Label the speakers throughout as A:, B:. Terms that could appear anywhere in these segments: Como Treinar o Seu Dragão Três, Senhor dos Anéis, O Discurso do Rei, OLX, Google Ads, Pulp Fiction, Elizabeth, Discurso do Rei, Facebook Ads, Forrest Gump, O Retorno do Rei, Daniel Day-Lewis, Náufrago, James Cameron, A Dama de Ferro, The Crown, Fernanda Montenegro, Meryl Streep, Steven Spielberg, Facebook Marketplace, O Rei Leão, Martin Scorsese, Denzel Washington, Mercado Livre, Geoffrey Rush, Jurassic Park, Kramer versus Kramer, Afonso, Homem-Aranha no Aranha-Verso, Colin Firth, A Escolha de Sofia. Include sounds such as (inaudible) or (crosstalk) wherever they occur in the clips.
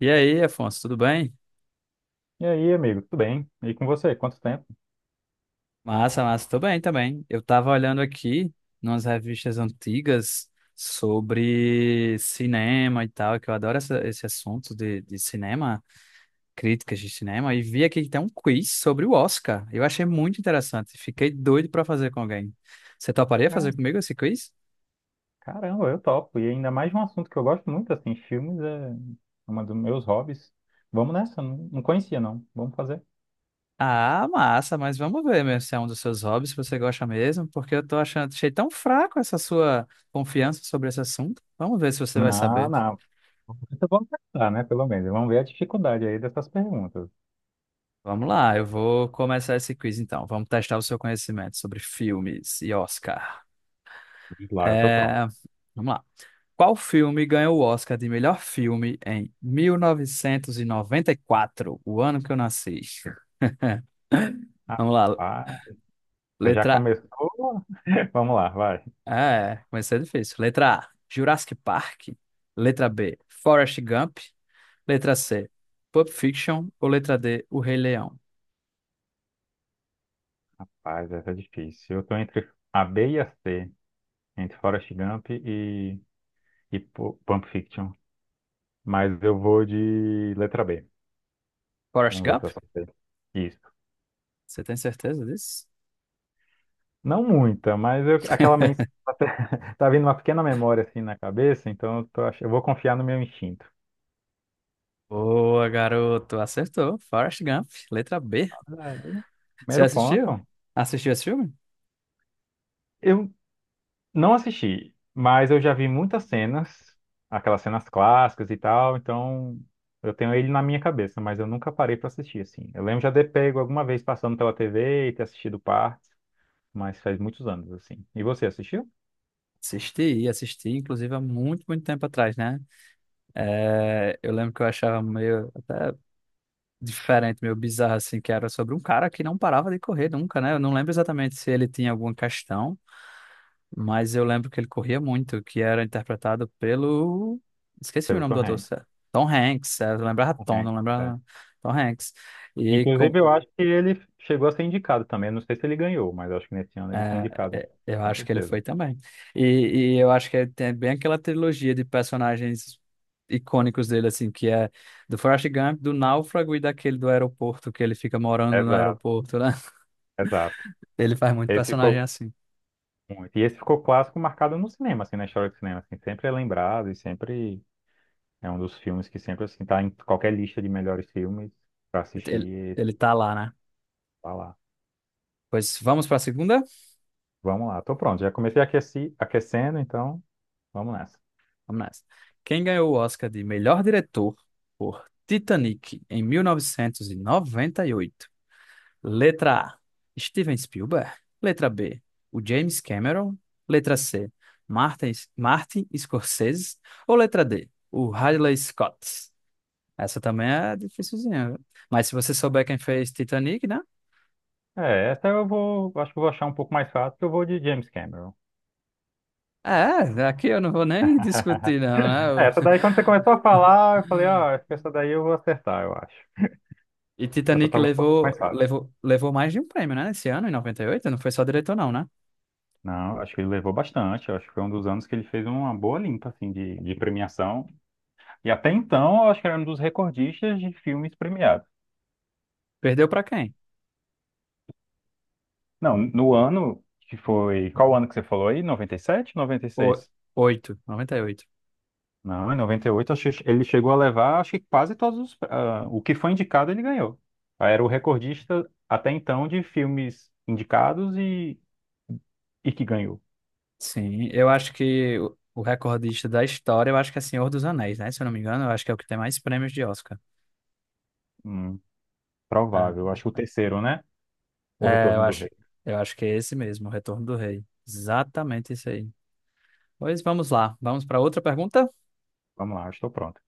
A: E aí, Afonso, tudo bem?
B: E aí, amigo, tudo bem? E com você, quanto tempo?
A: Massa, massa, tô bem também. Eu tava olhando aqui nas revistas antigas sobre cinema e tal, que eu adoro esse assunto de cinema, críticas de cinema, e vi aqui que tem um quiz sobre o Oscar. Eu achei muito interessante, fiquei doido pra fazer com alguém. Você toparia fazer
B: É,
A: comigo esse quiz?
B: caramba, eu topo. E ainda mais de um assunto que eu gosto muito, assim, filmes é uma dos meus hobbies. Vamos nessa, não, não conhecia não. Vamos fazer?
A: Ah, massa, mas vamos ver mesmo se é um dos seus hobbies, se você gosta mesmo, porque eu achei tão fraco essa sua confiança sobre esse assunto. Vamos ver se você vai
B: Não,
A: saber.
B: não. Então vamos tentar, né, pelo menos. Vamos ver a dificuldade aí dessas perguntas.
A: Vamos lá, eu vou começar esse quiz então. Vamos testar o seu conhecimento sobre filmes e Oscar.
B: Vamos lá, eu tô pronto.
A: É, Vamos lá. Qual filme ganhou o Oscar de melhor filme em 1994, o ano que eu nasci?
B: Ah,
A: Vamos lá.
B: ah, você já
A: Letra
B: começou? (laughs) Vamos lá, vai.
A: A. É, comecei difícil. Letra A, Jurassic Park. Letra B, Forrest Gump. Letra C, Pulp Fiction. Ou letra D, O Rei Leão?
B: Rapaz, essa é difícil. Eu tô entre a B e a C, entre Forrest Gump e, Pulp Fiction. Mas eu vou de letra B.
A: Forrest
B: Vamos ver se eu
A: Gump?
B: acertei. Isso.
A: Você tem certeza disso?
B: Não muita, mas eu, aquela
A: (laughs)
B: mensagem (laughs) tá vindo uma pequena memória assim na cabeça, então eu vou confiar no meu instinto.
A: Boa, garoto. Acertou. Forrest Gump, letra B.
B: Aí,
A: Você
B: primeiro
A: assistiu?
B: ponto.
A: Assistiu esse filme?
B: Eu não assisti, mas eu já vi muitas cenas, aquelas cenas clássicas e tal, então eu tenho ele na minha cabeça, mas eu nunca parei pra assistir assim. Eu lembro já de ter pego alguma vez passando pela TV e ter assistido partes, mas faz muitos anos assim. E você assistiu?
A: Assisti, assisti, inclusive há muito, muito tempo atrás, né? É, eu lembro que eu achava meio diferente, meio bizarro, assim, que era sobre um cara que não parava de correr nunca, né? Eu não lembro exatamente se ele tinha alguma questão, mas eu lembro que ele corria muito, que era interpretado pelo... Esqueci o
B: Pelo
A: nome do
B: Tom
A: ator,
B: Hanks.
A: certo? Tom Hanks. Eu lembrava
B: Tom
A: Tom,
B: Hanks.
A: não
B: É.
A: lembrava Tom Hanks. E com-
B: Inclusive, eu acho que ele chegou a ser indicado também. Eu não sei se ele ganhou, mas eu acho que nesse ano ele foi
A: É,
B: indicado,
A: eu
B: com
A: acho que ele foi
B: certeza.
A: também. E eu acho que tem é bem aquela trilogia de personagens icônicos dele, assim, que é do Forrest Gump, do Náufrago e daquele do aeroporto, que ele fica morando no
B: Exato,
A: aeroporto, né? (laughs)
B: exato.
A: Ele faz muito
B: Esse
A: personagem
B: ficou
A: assim.
B: muito. E esse ficou clássico marcado no cinema, assim, na história do cinema. Assim, sempre é lembrado e sempre é um dos filmes que sempre, assim, tá em qualquer lista de melhores filmes para
A: Ele,
B: assistir e
A: ele tá lá, né?
B: falar.
A: Pois vamos pra segunda?
B: Vamos lá, tô pronto. Já comecei a aquecendo, então vamos nessa.
A: Vamos nessa. Quem ganhou o Oscar de melhor diretor por Titanic em 1998? Letra A, Steven Spielberg. Letra B, o James Cameron. Letra C, Martin Scorsese. Ou letra D, o Ridley Scott. Essa também é dificilzinha. Viu? Mas se você souber quem fez Titanic, né?
B: É, essa eu vou, acho que eu vou achar um pouco mais fácil, porque eu vou de James Cameron.
A: É, aqui eu não vou nem (laughs) discutir, não, né?
B: É, essa daí, quando você começou a
A: (laughs)
B: falar, eu falei, ó, acho que essa daí eu vou acertar, eu acho.
A: E
B: Essa
A: Titanic
B: tava um pouco mais
A: levou,
B: fácil.
A: levou, levou mais de um prêmio, né? Esse ano, em 98, não foi só diretor, não, né?
B: Não, acho que ele levou bastante. Eu acho que foi um dos anos que ele fez uma boa limpa, assim, de premiação. E até então, eu acho que era um dos recordistas de filmes premiados.
A: Perdeu pra quem?
B: Não, no ano que foi, qual ano que você falou aí? 90, 97, noventa e
A: O,
B: seis
A: Oito, 98.
B: Não, em 98 acho que ele chegou a levar, acho que quase todos os, o que foi indicado, ele ganhou. Era o recordista, até então, de filmes indicados e que ganhou.
A: Sim, eu acho que o recordista da história, eu acho que é Senhor dos Anéis, né? Se eu não me engano, eu acho que é o que tem mais prêmios de Oscar.
B: Hum, provável. Acho que o terceiro, né?
A: É,
B: O
A: é, eu
B: Retorno do
A: acho,
B: Rei.
A: eu acho que é esse mesmo, o Retorno do Rei. Exatamente isso aí. Pois vamos lá, vamos para outra pergunta.
B: Vamos lá, estou pronto.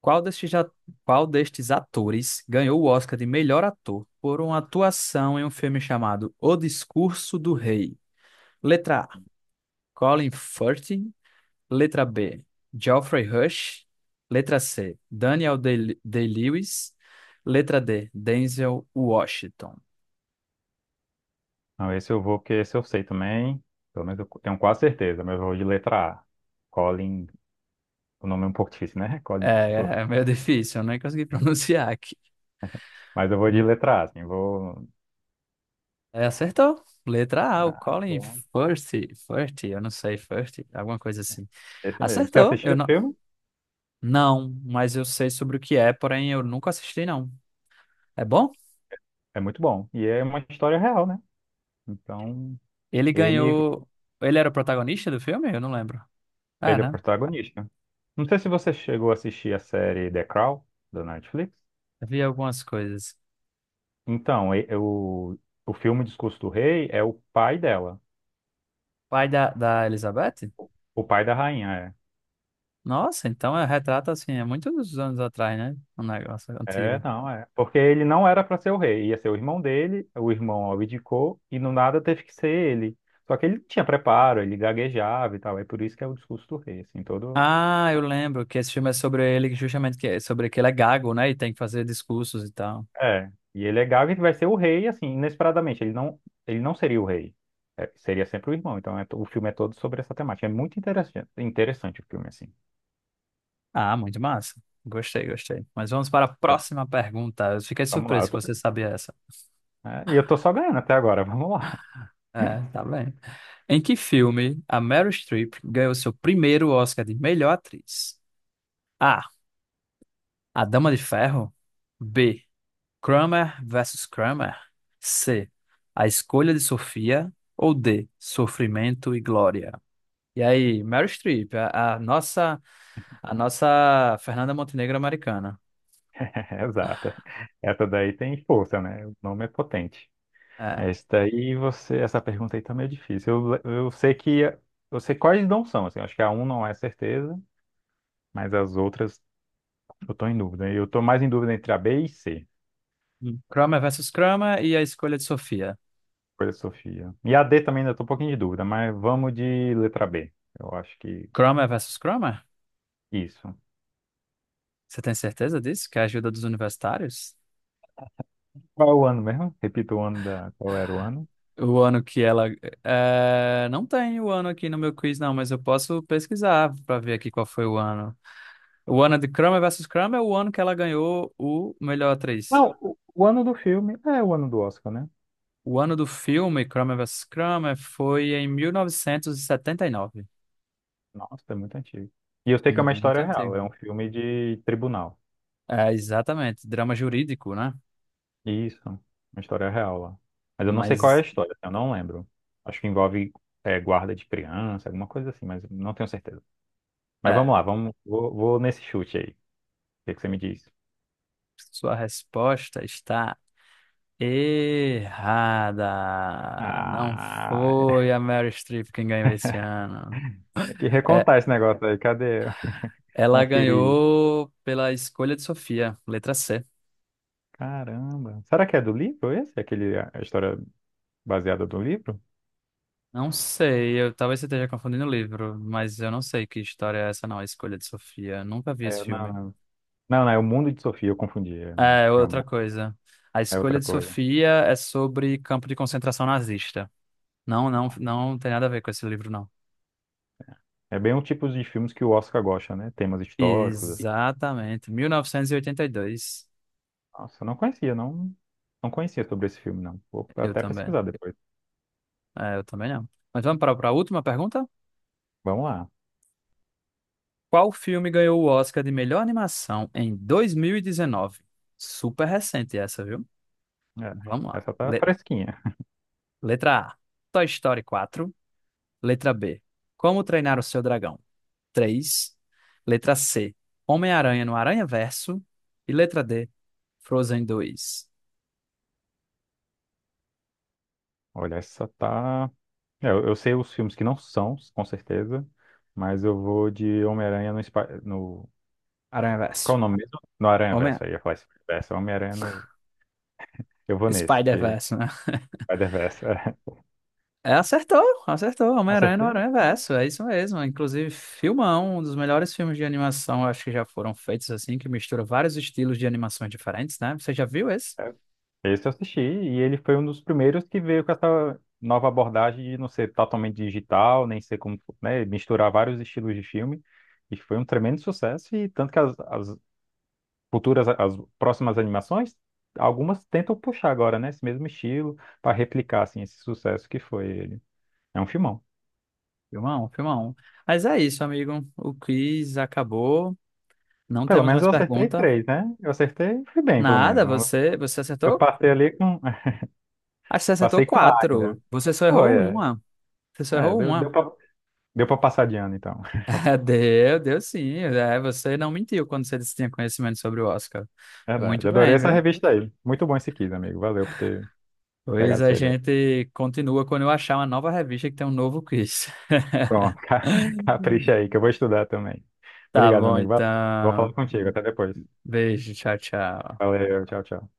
A: Qual destes, a- qual destes atores ganhou o Oscar de melhor ator por uma atuação em um filme chamado O Discurso do Rei? Letra A, Colin Firth. Letra B, Geoffrey Rush. Letra C, Daniel Day-Lewis. Letra D, Denzel Washington.
B: Não, esse eu vou, porque esse eu sei também. Pelo menos eu tenho quase certeza, mas eu vou de letra A. Colin, o nome é um pouco difícil, né? (laughs) Colin.
A: É
B: Firth.
A: meio (laughs) difícil, eu nem consegui (laughs) pronunciar aqui.
B: Mas eu vou de
A: Hum,
B: letra A, assim, vou.
A: acertou. Letra A, o
B: Ah, muito
A: Colin
B: bom.
A: Firth, Firth, eu não sei, Firth, alguma coisa assim.
B: Esse mesmo. Se
A: Acertou,
B: assistir
A: eu
B: esse
A: não.
B: filme,
A: Não, mas eu sei sobre o que é, porém eu nunca assisti, não. É bom?
B: é muito bom. E é uma história real, né? Então,
A: Ele
B: ele,
A: ganhou. Ele era o protagonista do filme? Eu não lembro. É,
B: ele é o
A: né?
B: protagonista. Não sei se você chegou a assistir a série The Crown, da Netflix.
A: Eu vi algumas coisas.
B: Então, o filme Discurso do Rei é o pai dela.
A: Pai da Elizabeth?
B: O pai da rainha,
A: Nossa, então é retrato assim, é muitos anos atrás, né? Um negócio
B: é. É,
A: antigo.
B: não, é. Porque ele não era para ser o rei, ia ser o irmão dele, o irmão abdicou e no nada teve que ser ele. Só que ele não tinha preparo, ele gaguejava e tal, é por isso que é o discurso do rei, assim, todo.
A: Ah, eu lembro que esse filme é sobre ele, que justamente que é sobre que ele é gago, né? E tem que fazer discursos e tal.
B: É. E ele é gago e vai ser o rei, assim, inesperadamente. Ele não seria o rei, é, seria sempre o irmão. Então o filme é todo sobre essa temática. É muito interessante, interessante o filme, assim.
A: Ah, muito massa. Gostei, gostei. Mas vamos para a próxima pergunta. Eu fiquei
B: Vamos lá,
A: surpreso
B: eu
A: que
B: tô-
A: você sabia essa.
B: é, e eu tô só ganhando até agora, vamos lá.
A: É, tá bem. Em que filme a Meryl Streep ganhou seu primeiro Oscar de melhor atriz? A. A Dama de Ferro. B. Kramer versus Kramer? C. A escolha de Sofia ou D. Sofrimento e glória? E aí, Meryl Streep, a nossa Fernanda Montenegro americana.
B: (laughs) Exato. Essa daí tem força, né? O nome é potente. Essa
A: É.
B: Esse daí você, essa pergunta aí tá meio difícil. Eu sei que eu sei quais não são, assim, acho que a um não é certeza, mas as outras eu tô em dúvida. Eu tô mais em dúvida entre a B e C,
A: Kramer versus Kramer e a escolha de Sofia.
B: por essa Sofia. E a D também ainda tô um pouquinho de dúvida, mas vamos de letra B. Eu acho que
A: Kramer versus Kramer?
B: isso.
A: Você tem certeza disso? Que é a ajuda dos universitários?
B: Qual é o ano mesmo? Repita o ano da. Qual era o ano?
A: O ano que ela. É, não tem o ano aqui no meu quiz, não, mas eu posso pesquisar para ver aqui qual foi o ano. O ano de Kramer versus Kramer é o ano que ela ganhou o melhor atriz.
B: Não, o ano do filme é o ano do Oscar, né?
A: O ano do filme Kramer versus Kramer foi em 1979.
B: Nossa, é muito antigo. E eu sei que é uma
A: Muito
B: história real,
A: antigo.
B: é um filme de tribunal.
A: É, exatamente. Drama jurídico, né?
B: Isso, uma história real lá. Mas eu não sei qual é a
A: Mas,
B: história, assim, eu não lembro. Acho que envolve guarda de criança, alguma coisa assim, mas não tenho certeza. Mas vamos
A: é,
B: lá, vamos, vou nesse chute aí. O que que você me diz?
A: sua resposta está errada. Não
B: Ah,
A: foi a Meryl Streep quem ganhou esse ano.
B: é que
A: É,
B: recontar esse negócio aí, cadê? (laughs)
A: ela
B: Conferir.
A: ganhou pela escolha de Sofia, letra C.
B: Caramba. Será que é do livro esse? Aquele, a história baseada do livro?
A: Não sei, eu talvez você esteja confundindo o livro, mas eu não sei que história é essa, não, A Escolha de Sofia. Nunca vi
B: É,
A: esse
B: não,
A: filme.
B: não. Não, não, é o Mundo de Sofia, eu confundi. É, não,
A: É, outra
B: realmente.
A: coisa. A
B: É
A: Escolha
B: outra
A: de
B: coisa.
A: Sofia é sobre campo de concentração nazista. Não, não,
B: Não.
A: não tem nada a ver com esse livro, não.
B: É bem o tipo de filmes que o Oscar gosta, né? Temas históricos, assim.
A: Exatamente. 1982.
B: Nossa, eu não conhecia, não, não conhecia sobre esse filme, não. Vou
A: Eu
B: até
A: também.
B: pesquisar depois.
A: É, eu também não. Mas vamos para a última pergunta?
B: Vamos lá.
A: Qual filme ganhou o Oscar de melhor animação em 2019? Super recente essa, viu?
B: É,
A: Vamos lá.
B: essa tá fresquinha.
A: Letra A, Toy Story 4. Letra B, Como Treinar o Seu Dragão 3. Letra C, Homem-Aranha no Aranha-Verso. E letra D, Frozen 2.
B: Olha, essa tá. É, eu sei os filmes que não são, com certeza, mas eu vou de Homem-Aranha no.
A: Aranha-Verso.
B: Qual é o nome mesmo? No
A: Homem...
B: Aranha-Verso. Aí eu ia falar Spider-Verso. Homem-Aranha no. Eu vou nesse, porque
A: Spider-Verso, né?
B: Spider-Verso. (laughs)
A: É, acertou, acertou. Homem-Aranha no
B: Acertei? Então,
A: Aranha-Verso, é isso mesmo. Inclusive, filmão, um dos melhores filmes de animação, acho que já foram feitos assim, que mistura vários estilos de animações diferentes, né? Você já viu esse?
B: é, esse eu assisti e ele foi um dos primeiros que veio com essa nova abordagem de não ser totalmente digital, nem ser como, né, misturar vários estilos de filme. E foi um tremendo sucesso e tanto que as futuras, as próximas animações, algumas tentam puxar agora, né, esse mesmo estilo para replicar assim esse sucesso que foi ele. É um filmão.
A: Filmão, filmão. Mas é isso, amigo. O quiz acabou. Não
B: Pelo
A: temos
B: menos
A: mais
B: eu acertei
A: pergunta.
B: três, né? Eu acertei, fui bem, pelo
A: Nada,
B: menos. Eu
A: você
B: eu
A: acertou?
B: passei ali com, (laughs)
A: Acho que você acertou
B: passei com A ainda.
A: quatro. Você só
B: Foi,
A: errou
B: é.
A: uma. Você só
B: É,
A: errou
B: deu, deu
A: uma.
B: para deu para passar de ano, então.
A: (laughs) Deu, deu sim. É, você não mentiu quando você disse que tinha conhecimento sobre o Oscar. Muito
B: Verdade. Adorei
A: bem,
B: essa
A: viu?
B: revista aí. Muito bom esse quiz, amigo. Valeu por ter
A: Pois
B: pegado
A: a
B: essa ideia.
A: gente continua quando eu achar uma nova revista que tem um novo quiz. (laughs)
B: Pronto, (laughs) capricha aí, que eu vou estudar também.
A: Tá
B: Obrigado, meu
A: bom,
B: amigo. Valeu. Vou falar
A: então.
B: contigo. Até depois.
A: Beijo, tchau, tchau.
B: Valeu, tchau, tchau.